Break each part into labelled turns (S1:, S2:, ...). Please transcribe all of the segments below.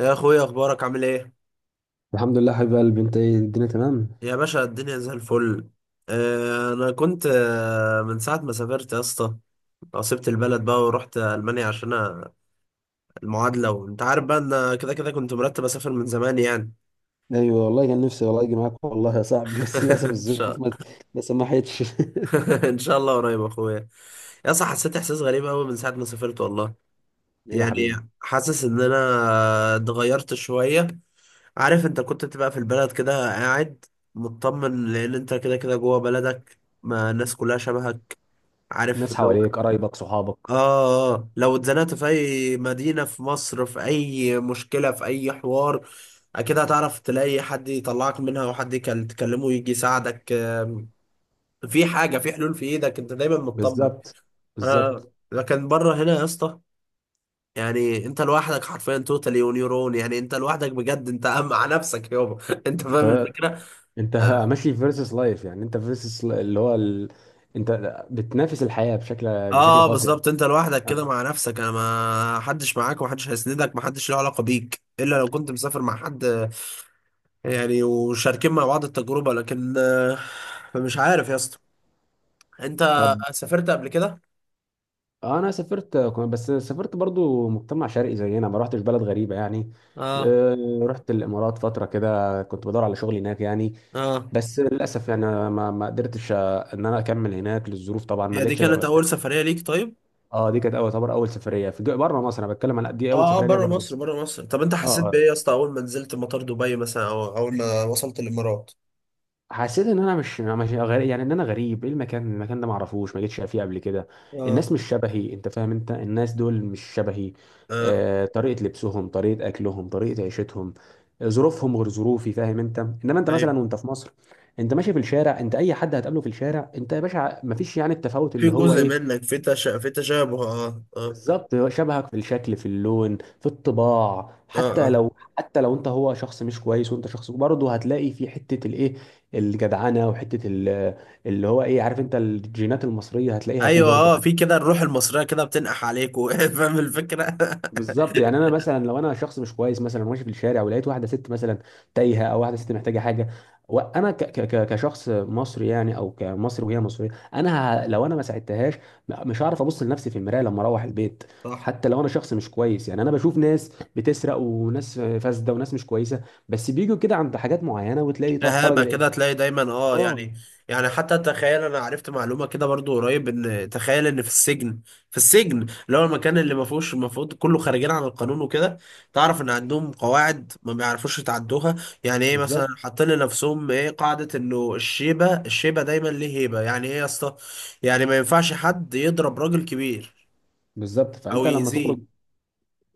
S1: يا اخويا، اخبارك عامل ايه؟
S2: الحمد لله، حبيب قلبي. انت ايه؟ الدنيا تمام؟
S1: يا باشا الدنيا زي الفل. انا كنت من ساعه ما سافرت يا اسطى. سبت البلد بقى ورحت المانيا عشان المعادله، وانت عارف بقى ان كده كده كنت مرتب اسافر من زمان يعني.
S2: ايوه والله، كان نفسي والله اجي معاك والله يا صاحبي، بس للاسف
S1: ان
S2: الظروف
S1: شاء...
S2: ما سمحتش.
S1: ان شاء الله قريب يا اخويا. يا اسطى حسيت احساس غريب قوي من ساعه ما سافرت والله.
S2: ايه يا
S1: يعني
S2: حبيبي؟
S1: حاسس ان انا اتغيرت شويه. عارف انت كنت بتبقى في البلد كده قاعد مطمن، لان انت كده كده جوه بلدك، ما الناس كلها شبهك. عارف
S2: الناس
S1: اللي هو...
S2: حواليك، قرايبك، صحابك.
S1: اه آه. لو اتزنقت في اي مدينة في مصر، في اي مشكلة، في اي حوار اكيد هتعرف تلاقي حد يطلعك منها، وحد تكلمه يجي يساعدك، في حاجة، في حلول في ايدك. انت دايما مطمن.
S2: بالظبط، بالظبط.
S1: آه، لكن بره هنا يا اسطى، يعني انت لوحدك حرفيا توتالي ونيورون. يعني انت لوحدك بجد، انت مع نفسك يابا انت فاهم
S2: انت
S1: الفكرة.
S2: انت
S1: اه
S2: ماشي في فيرسس لايف، يعني انت فيرسس اللي هو انت بتنافس الحياة بشكل خاص يعني.
S1: بالظبط انت لوحدك كده
S2: اه.
S1: مع نفسك، انا ما حدش معاك، ومحدش هيسندك، محدش له علاقة بيك الا لو كنت مسافر مع حد، يعني وشاركين مع بعض التجربة. لكن مش عارف يا اسطى. انت
S2: طب،
S1: سافرت قبل كده؟
S2: انا سافرت، بس سافرت برضو مجتمع شرقي زينا، ما رحتش بلد غريبة يعني.
S1: اه
S2: اه، رحت الامارات فترة كده، كنت بدور على شغل هناك يعني.
S1: اه.
S2: بس للاسف يعني، أنا ما قدرتش ان انا اكمل هناك للظروف، طبعا ما
S1: هي دي
S2: لقيتش
S1: كانت
S2: ده.
S1: أول سفرية ليك طيب؟
S2: اه، دي كانت اول سفريه في بره مصر، انا بتكلم على دي اول
S1: اه اه،
S2: سفريه ليا
S1: بره
S2: بره
S1: مصر،
S2: مصر.
S1: بره مصر. طب انت حسيت
S2: اه، اه.
S1: بإيه يا اسطى أول ما نزلت مطار دبي مثلا، أو أول ما وصلت الإمارات؟
S2: حسيت ان انا مش غريب، يعني ان انا غريب، ايه؟ المكان ده ما اعرفوش، ما جيتش فيه قبل كده. الناس
S1: اه
S2: مش شبهي، انت فاهم؟ انت الناس دول مش شبهي.
S1: اه.
S2: طريقه لبسهم، طريقه اكلهم، طريقه عيشتهم. ظروفهم غير ظروفي، فاهم انت؟ انما انت
S1: ايوه،
S2: مثلا وانت في مصر، انت ماشي في الشارع، انت اي حد هتقابله في الشارع، انت يا باشا ما فيش يعني التفاوت
S1: في
S2: اللي هو
S1: جزء
S2: ايه.
S1: منك، في تشابه، اه اه
S2: بالظبط، هو شبهك في الشكل، في اللون، في الطباع،
S1: اه
S2: حتى
S1: اه.
S2: لو، حتى لو انت هو شخص مش كويس وانت شخص برضه هتلاقي في حته الايه، الجدعنه، وحته اللي هو ايه، عارف انت؟ الجينات المصريه هتلاقيها فيه
S1: ايوه
S2: برضه.
S1: اه، في كده الروح المصريه كده بتنقح عليك فاهم الفكره.
S2: بالظبط، يعني انا مثلا لو انا شخص مش كويس مثلا، ماشي في الشارع ولقيت واحده ست مثلا تايهه، او واحده ست محتاجه حاجه، وانا كشخص مصري يعني، او كمصري وهي مصريه، انا لو انا ما ساعدتهاش، مش هعرف ابص لنفسي في المرايه لما اروح البيت.
S1: صح.
S2: حتى لو انا شخص مش كويس يعني، انا بشوف ناس بتسرق وناس فاسده وناس مش كويسه، بس بيجوا كده عند حاجات معينه وتلاقي خرج
S1: شهامة
S2: الانسان.
S1: كده هتلاقي دايما، اه
S2: اه.
S1: يعني. يعني حتى تخيل، انا عرفت معلومة كده برضو قريب، ان تخيل ان في السجن، في السجن اللي هو المكان اللي ما فيهوش المفروض، كله خارجين عن القانون وكده، تعرف ان عندهم قواعد ما بيعرفوش يتعدوها. يعني ايه مثلا؟
S2: بالظبط،
S1: حاطين لنفسهم ايه قاعدة انه الشيبة دايما ليه هيبة. يعني ايه يا اسطى؟ يعني ما ينفعش حد يضرب راجل كبير
S2: بالظبط.
S1: او
S2: فانت لما تخرج،
S1: يأذيه.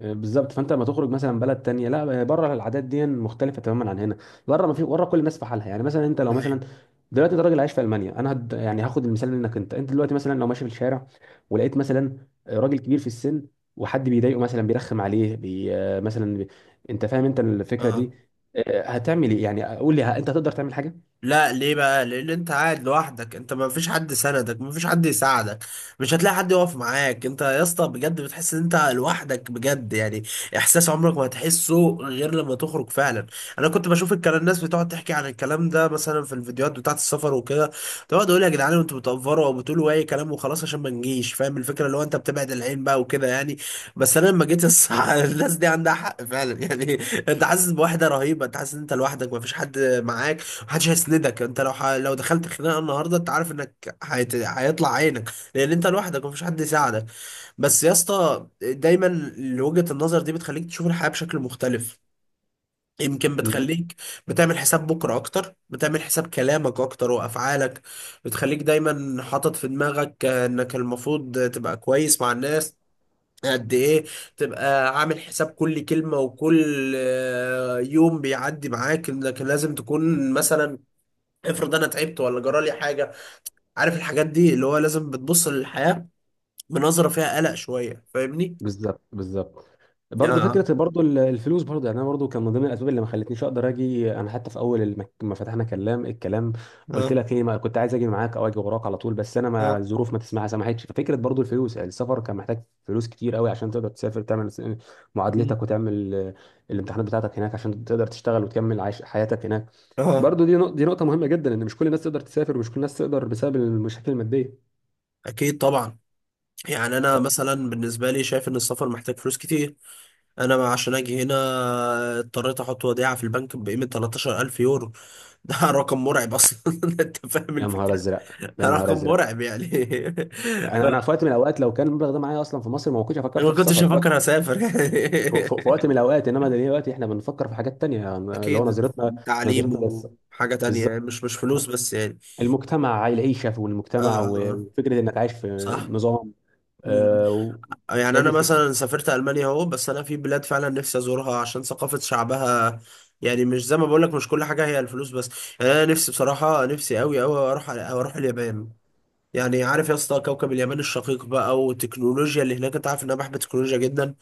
S2: بالظبط، فانت لما تخرج مثلا بلد تانية، لا، بره العادات دي مختلفه تماما عن هنا. بره، ما في بره كل الناس في حالها، يعني مثلا انت لو مثلا
S1: أيوة.
S2: دلوقتي انت راجل عايش في المانيا، انا يعني هاخد المثال منك، انت دلوقتي مثلا لو ماشي في الشارع ولقيت مثلا، راجل كبير في السن وحد بيضايقه مثلا، بيرخم عليه مثلا انت فاهم انت الفكره
S1: اه
S2: دي؟ هتعمل ايه يعني؟ قول لي، انت هتقدر تعمل حاجه؟
S1: لا، ليه بقى؟ لان انت قاعد لوحدك، انت ما فيش حد سندك، ما فيش حد يساعدك، مش هتلاقي حد يقف معاك. انت يا اسطى بجد بتحس ان انت لوحدك بجد يعني. احساس عمرك ما هتحسه غير لما تخرج فعلا. انا كنت بشوف الكلام، الناس بتقعد تحكي عن الكلام ده مثلا في الفيديوهات بتاعه السفر وكده. تقعد اقول يا جدعان انتوا بتأفروا او بتقولوا اي كلام وخلاص عشان ما نجيش، فاهم الفكره اللي هو انت بتبعد العين بقى وكده يعني. بس انا لما جيت الناس دي عندها حق فعلا يعني. انت حاسس بوحده رهيبه، انت حاسس ان انت لوحدك، ما فيش حد معاك، محدش هيسندك. انت لو لو دخلت خناقه النهارده انت عارف انك هيطلع عينك، لان انت لوحدك ومفيش حد يساعدك. بس يا اسطى، دايما وجهه النظر دي بتخليك تشوف الحياه بشكل مختلف. يمكن بتخليك بتعمل حساب بكره اكتر، بتعمل حساب كلامك اكتر وافعالك. بتخليك دايما حاطط في دماغك انك المفروض تبقى كويس مع الناس. قد ايه تبقى عامل حساب كل كلمة وكل يوم بيعدي معاك، انك لازم تكون مثلا، افرض انا تعبت ولا جرالي حاجه. عارف الحاجات دي اللي هو لازم بتبص للحياه بنظره فيها قلق شويه، فاهمني؟
S2: بالظبط، بالظبط. برضه
S1: اه
S2: فكره برضه الفلوس برضه، يعني انا برضه كان من ضمن الاسباب اللي ما خلتنيش اقدر اجي انا، حتى في اول ما فتحنا الكلام قلت
S1: اه
S2: لك ايه، ما كنت عايز اجي معاك او اجي وراك على طول، بس انا ما
S1: اه.
S2: الظروف ما تسمح سمحتش. ففكره برضه الفلوس، يعني السفر كان محتاج فلوس كتير قوي عشان تقدر تسافر، تعمل
S1: مم.
S2: معادلتك وتعمل، الامتحانات بتاعتك هناك عشان تقدر تشتغل وتكمل عيش حياتك هناك.
S1: اه،
S2: برضه دي نقطه مهمه جدا، ان مش كل الناس تقدر تسافر، ومش كل الناس تقدر بسبب المشاكل الماديه.
S1: اكيد طبعا. يعني انا مثلا بالنسبه لي شايف ان السفر محتاج فلوس كتير. انا عشان اجي هنا اضطريت احط وديعه في البنك بقيمه 13,000 يورو. ده رقم مرعب اصلا انت فاهم
S2: يا نهار
S1: الفكره.
S2: ازرق، يا نهار
S1: رقم
S2: ازرق!
S1: مرعب يعني
S2: انا في وقت من الاوقات لو كان المبلغ ده معايا اصلا في مصر، ما كنتش فكرت
S1: فما
S2: في
S1: كنتش
S2: السفر في وقت،
S1: افكر اسافر.
S2: في وقت من الاوقات، انما دلوقتي احنا بنفكر في حاجات تانية يعني، اللي هو
S1: اكيد.
S2: نظرتنا
S1: تعليم
S2: نظرتنا لسه.
S1: وحاجة تانية، يعني
S2: بالظبط.
S1: مش مش فلوس بس يعني.
S2: المجتمع، العيشه في
S1: اه
S2: المجتمع،
S1: اه آه.
S2: وفكره انك عايش في
S1: صح.
S2: نظام،
S1: مم.
S2: آه، و-
S1: يعني
S2: هي دي
S1: انا
S2: الفكره.
S1: مثلا سافرت المانيا اهو، بس انا في بلاد فعلا نفسي ازورها عشان ثقافة شعبها. يعني مش زي ما بقول لك مش كل حاجة هي الفلوس بس. يعني انا نفسي بصراحة، نفسي قوي قوي اروح اليابان. يعني عارف يا اسطى كوكب اليابان الشقيق بقى، والتكنولوجيا اللي هناك. انت عارف ان انا بحب التكنولوجيا جدا.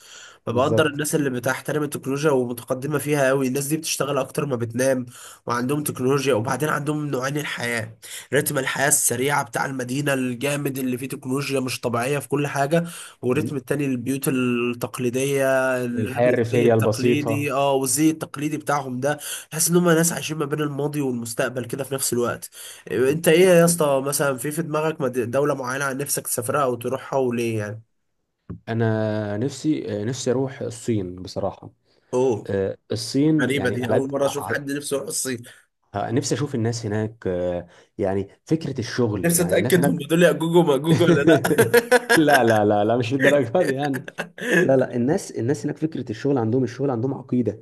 S1: فبقدر
S2: بالظبط.
S1: الناس اللي بتحترم التكنولوجيا ومتقدمة فيها قوي، الناس دي بتشتغل أكتر ما بتنام. وعندهم تكنولوجيا، وبعدين عندهم نوعين الحياة. رتم الحياة السريعة بتاع المدينة الجامد اللي فيه تكنولوجيا مش طبيعية في كل حاجة، والرتم التاني البيوت التقليدية،
S2: الحياه
S1: الزي
S2: الريفيه
S1: التقليدي،
S2: البسيطه.
S1: اه والزي التقليدي بتاعهم ده. تحس إن هم ناس عايشين ما بين الماضي والمستقبل كده في نفس الوقت. أنت إيه يا اسطى، مثلا في دماغك دولة معينة عن نفسك تسافرها أو تروحها، وليه يعني؟
S2: انا نفسي اروح الصين بصراحه.
S1: أوه،
S2: الصين،
S1: غريبة
S2: يعني
S1: دي،
S2: على
S1: أول
S2: قد
S1: مرة أشوف حد نفسه يروح الصين.
S2: نفسي اشوف الناس هناك، يعني فكره الشغل،
S1: نفسي
S2: يعني الناس
S1: أتأكد هم
S2: هناك.
S1: دول يأجوج ومأجوج ولا لأ
S2: لا، لا، لا، لا، مش للدرجه دي يعني. لا، لا. الناس هناك فكرة الشغل عندهم، الشغل عندهم عقيدة.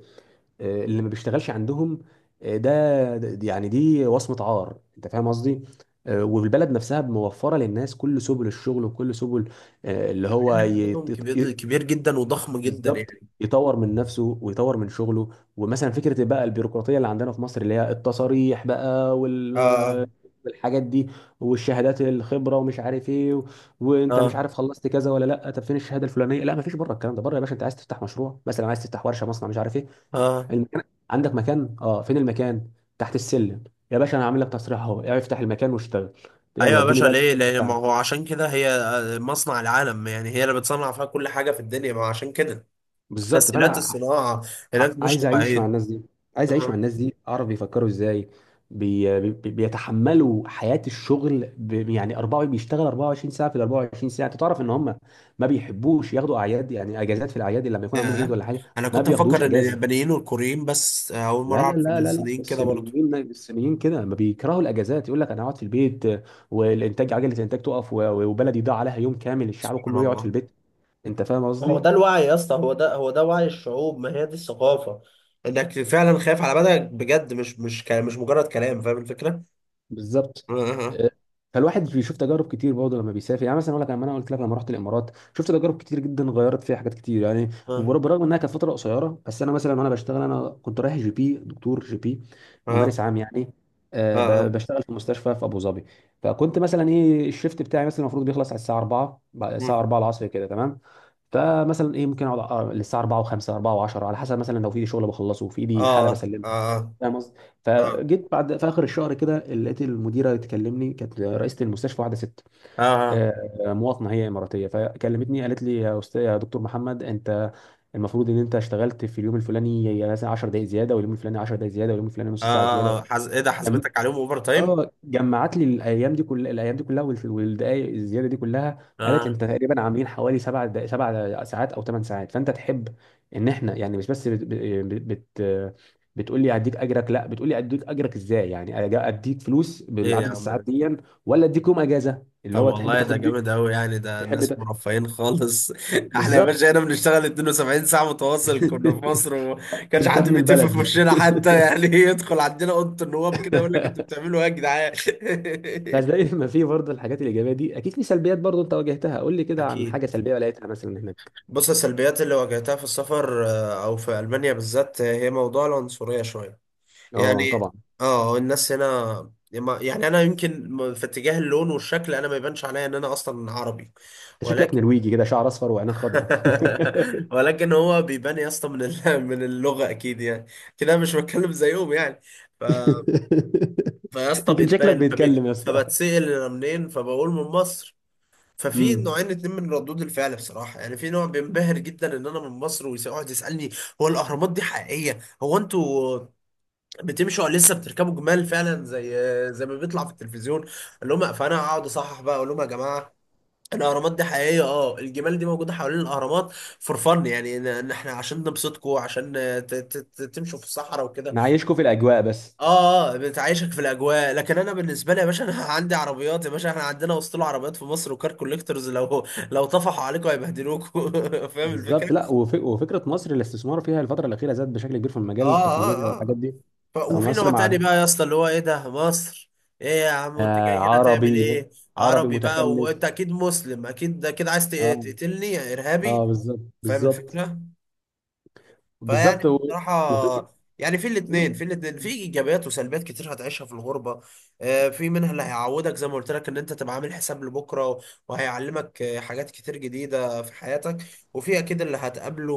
S2: اللي ما بيشتغلش عندهم، يعني دي وصمة عار، انت فاهم قصدي؟ والبلد نفسها موفرة للناس كل سبل الشغل وكل سبل، آه، اللي
S1: مع
S2: هو
S1: إن عددهم كبير كبير جدا وضخم جدا
S2: بالظبط.
S1: يعني.
S2: يطور من نفسه ويطور من شغله. ومثلا فكره بقى البيروقراطيه اللي عندنا في مصر، اللي هي التصاريح بقى
S1: اه
S2: والحاجات دي، والشهادات، الخبره، ومش عارف ايه وانت مش
S1: اه
S2: عارف خلصت كذا ولا لا، طب فين الشهاده الفلانيه؟ لا، ما فيش بره، الكلام ده بره يا باشا. انت عايز تفتح مشروع مثلا، عايز تفتح ورشه، مصنع، مش عارف ايه،
S1: اه.
S2: المكان؟ عندك مكان؟ اه، فين المكان؟ تحت السلم. يا باشا انا عامل لك تصريح اهو، افتح المكان واشتغل، يلا
S1: ايوه يا
S2: اديني
S1: باشا،
S2: بقى
S1: ليه
S2: الانتاج
S1: ليه؟ ما
S2: بتاعك.
S1: هو عشان كده هي مصنع العالم يعني، هي اللي بتصنع فيها كل حاجة في الدنيا، ما هو عشان كده
S2: بالظبط.
S1: تسهيلات
S2: فانا
S1: الصناعة هناك مش
S2: عايز اعيش مع
S1: طبيعية.
S2: الناس دي، عايز اعيش مع
S1: اه
S2: الناس دي، اعرف بيفكروا ازاي، بيتحملوا حياة الشغل، يعني 4 بيشتغل 24 ساعة في ال 24 ساعة، انت تعرف ان هم ما بيحبوش ياخدوا اعياد، يعني اجازات في الاعياد، اللي لما يكون عندهم عيد
S1: يا.
S2: ولا حاجة
S1: أنا
S2: ما
S1: كنت
S2: بياخدوش
S1: أفكر إن
S2: اجازة.
S1: اليابانيين والكوريين بس، أول مرة
S2: لا، لا،
S1: أعرف إن
S2: لا، لا، لا.
S1: الصينيين كده برضه.
S2: الصينيين، الصينيين كده ما بيكرهوا الاجازات، يقول لك انا هقعد في البيت والانتاج، عجلة الانتاج تقف، وبلدي ضاع عليها يوم كامل، الشعب
S1: سبحان
S2: كله يقعد في
S1: الله.
S2: البيت. انت فاهم
S1: ما هو
S2: قصدي؟
S1: ده الوعي يا اسطى، هو ده هو ده وعي الشعوب، ما هي دي الثقافة. انك فعلا خايف على بدنك بجد، مش مش مش مجرد كلام، فاهم الفكرة؟
S2: بالظبط.
S1: اه
S2: آه، فالواحد بيشوف تجارب كتير برضه لما بيسافر، يعني مثلا اقول لك، لما انا قلت لك لما رحت الامارات، شفت تجارب كتير جدا، غيرت فيها حاجات كتير يعني.
S1: اه
S2: برغم انها كانت فتره قصيره، بس انا مثلا وانا بشتغل، انا كنت رايح GP، دكتور GP،
S1: اه
S2: ممارس عام يعني.
S1: اه
S2: بشتغل في مستشفى في ابو ظبي. فكنت مثلا ايه، الشيفت بتاعي مثلا المفروض بيخلص على الساعه 4، الساعه 4 العصر كده، تمام. فمثلا ايه، ممكن اقعد للساعه 4 و5، 4 و10، على حسب، مثلا لو في ايدي شغل بخلصه وفي
S1: اه
S2: ايدي حاله
S1: اه
S2: بسلمها.
S1: اه
S2: فاهم قصدي؟
S1: اه اه اه اه
S2: فجيت بعد في اخر الشهر كده، لقيت المديره تكلمني، كانت رئيسه المستشفى، واحده ست،
S1: اه. آه، آه،
S2: مواطنه، هي اماراتيه. فكلمتني قالت لي: يا استاذ، يا دكتور محمد، انت المفروض ان انت اشتغلت في اليوم الفلاني مثلا 10 دقائق زياده، واليوم الفلاني 10 دقائق زياده، واليوم الفلاني
S1: آه،
S2: نص ساعه زياده.
S1: ايه ده، حسبتك عليهم اوفر تايم؟
S2: اه، جمعت لي الايام دي كلها، الايام دي كلها، والدقائق الزياده دي كلها. قالت انت
S1: اه.
S2: تقريبا عاملين حوالي 7 ساعات او 8 ساعات، فانت تحب ان احنا يعني، مش بس بت بت بت بتقول لي اديك اجرك، لا، بتقول لي اديك اجرك ازاي، يعني اديك فلوس
S1: ايه يا
S2: بالعدد
S1: عم
S2: الساعات
S1: ده.
S2: دي، ولا اديك يوم اجازه اللي
S1: طب
S2: هو تحب
S1: والله ده
S2: تاخد بيه.
S1: جامد أوي يعني، ده
S2: تحب
S1: الناس مرفهين خالص احنا يا باشا
S2: بالظبط.
S1: هنا بنشتغل 72 ساعة متواصل كنا في مصر، وكانش
S2: انت
S1: حد
S2: ابن
S1: بيتف في
S2: البلد.
S1: وشنا حتى يعني يدخل عندنا أوضة النواب كده يقول لك انتوا بتعملوا ايه يا جدعان.
S2: بس زي ما في برضه الحاجات الايجابيه دي، اكيد في سلبيات برضه انت واجهتها، قول لي كده عن
S1: أكيد.
S2: حاجه سلبيه لقيتها مثلا.
S1: بص، السلبيات اللي واجهتها في السفر أو في ألمانيا بالذات، هي موضوع العنصرية شوية
S2: اه
S1: يعني.
S2: طبعا.
S1: اه الناس هنا يعني، أنا يمكن في اتجاه اللون والشكل أنا ما يبانش عليا إن أنا أصلا عربي،
S2: انت شكلك
S1: ولكن
S2: نرويجي كده، شعر اصفر وعينك خضراء.
S1: ولكن هو بيبان يا اسطى من من اللغه اكيد يعني. كده مش بتكلم زيهم يعني. ف... فيا اسطى
S2: يمكن شكلك
S1: بيتبان،
S2: بيتكلم يا اسطى.
S1: فبتسال انا منين، فبقول من مصر. ففي
S2: امم.
S1: نوعين اتنين من ردود الفعل بصراحه يعني، في نوع بينبهر جدا ان انا من مصر ويقعد يسالني، هو الاهرامات دي حقيقيه؟ هو انتوا بتمشوا ولا لسه بتركبوا جمال فعلا زي زي ما بيطلع في التلفزيون؟ اقول لهم، فانا اقعد اصحح بقى اقول لهم يا جماعه الاهرامات دي حقيقيه اه، الجمال دي موجوده حوالين الاهرامات فور فن يعني، ان إن احنا عشان نبسطكم، عشان تمشوا في الصحراء وكده.
S2: معايشكوا في الاجواء بس.
S1: اه اه، بتعيشك في الاجواء، لكن انا بالنسبه لي يا باشا انا عندي عربيات يا باشا، احنا عندنا وسط عربيات في مصر وكار كوليكتورز، لو طفحوا عليكم هيبهدلوكوا فاهم الفكره.
S2: بالظبط. لا، وفكره مصر، الاستثمار فيها الفتره الاخيره زاد بشكل كبير في
S1: اه
S2: مجال التكنولوجيا
S1: اه
S2: والحاجات
S1: اه.
S2: دي.
S1: وفي نوع
S2: فمصر
S1: تاني
S2: مع،
S1: بقى يا اسطى اللي هو ايه، ده مصر؟ ايه يا عم انت جاي هنا تعمل
S2: عربي،
S1: ايه؟
S2: عربي
S1: عربي بقى،
S2: متخلف.
S1: وانت اكيد مسلم اكيد، ده كده عايز
S2: اه،
S1: تقتلني يا
S2: اه.
S1: ارهابي؟
S2: بالظبط،
S1: فاهم
S2: بالظبط،
S1: الفكره. فيعني
S2: بالظبط. وفكره
S1: بصراحة يعني، في الاتنين في الاتنين، في ايجابيات وسلبيات كتير هتعيشها في الغربة. في منها اللي هيعودك زي ما قلت لك، ان انت تبقى عامل حساب لبكرة، وهيعلمك حاجات كتير جديدة في حياتك. وفي اكيد اللي هتقابله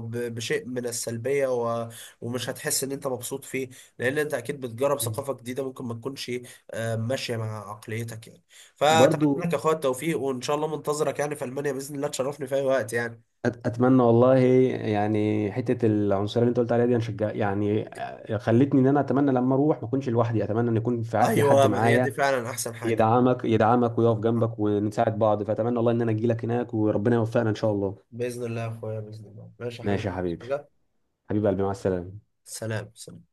S1: بشيء من السلبية، ومش هتحس ان انت مبسوط فيه، لان انت اكيد بتجرب ثقافة جديدة ممكن ما تكونش ماشية مع عقليتك يعني. فاتمنى
S2: برضو.
S1: لك يا اخويا التوفيق، وان شاء الله منتظرك يعني في المانيا، باذن الله تشرفني في اي وقت يعني.
S2: اتمنى والله. يعني حته العنصريه اللي انت قلت عليها دي هنشجع يعني، خلتني ان انا اتمنى لما اروح ما اكونش لوحدي، اتمنى ان يكون في في حد
S1: ايوه، ما هي دي
S2: معايا،
S1: فعلا احسن حاجة.
S2: يدعمك، ويقف جنبك، ونساعد بعض. فاتمنى والله ان انا اجي لك هناك، وربنا يوفقنا ان شاء الله.
S1: باذن الله يا اخويا، باذن الله. ماشي يا
S2: ماشي يا
S1: حبيبي، بس
S2: حبيبي.
S1: حاجه...
S2: حبيب قلبي، مع السلامه.
S1: سلام سلام.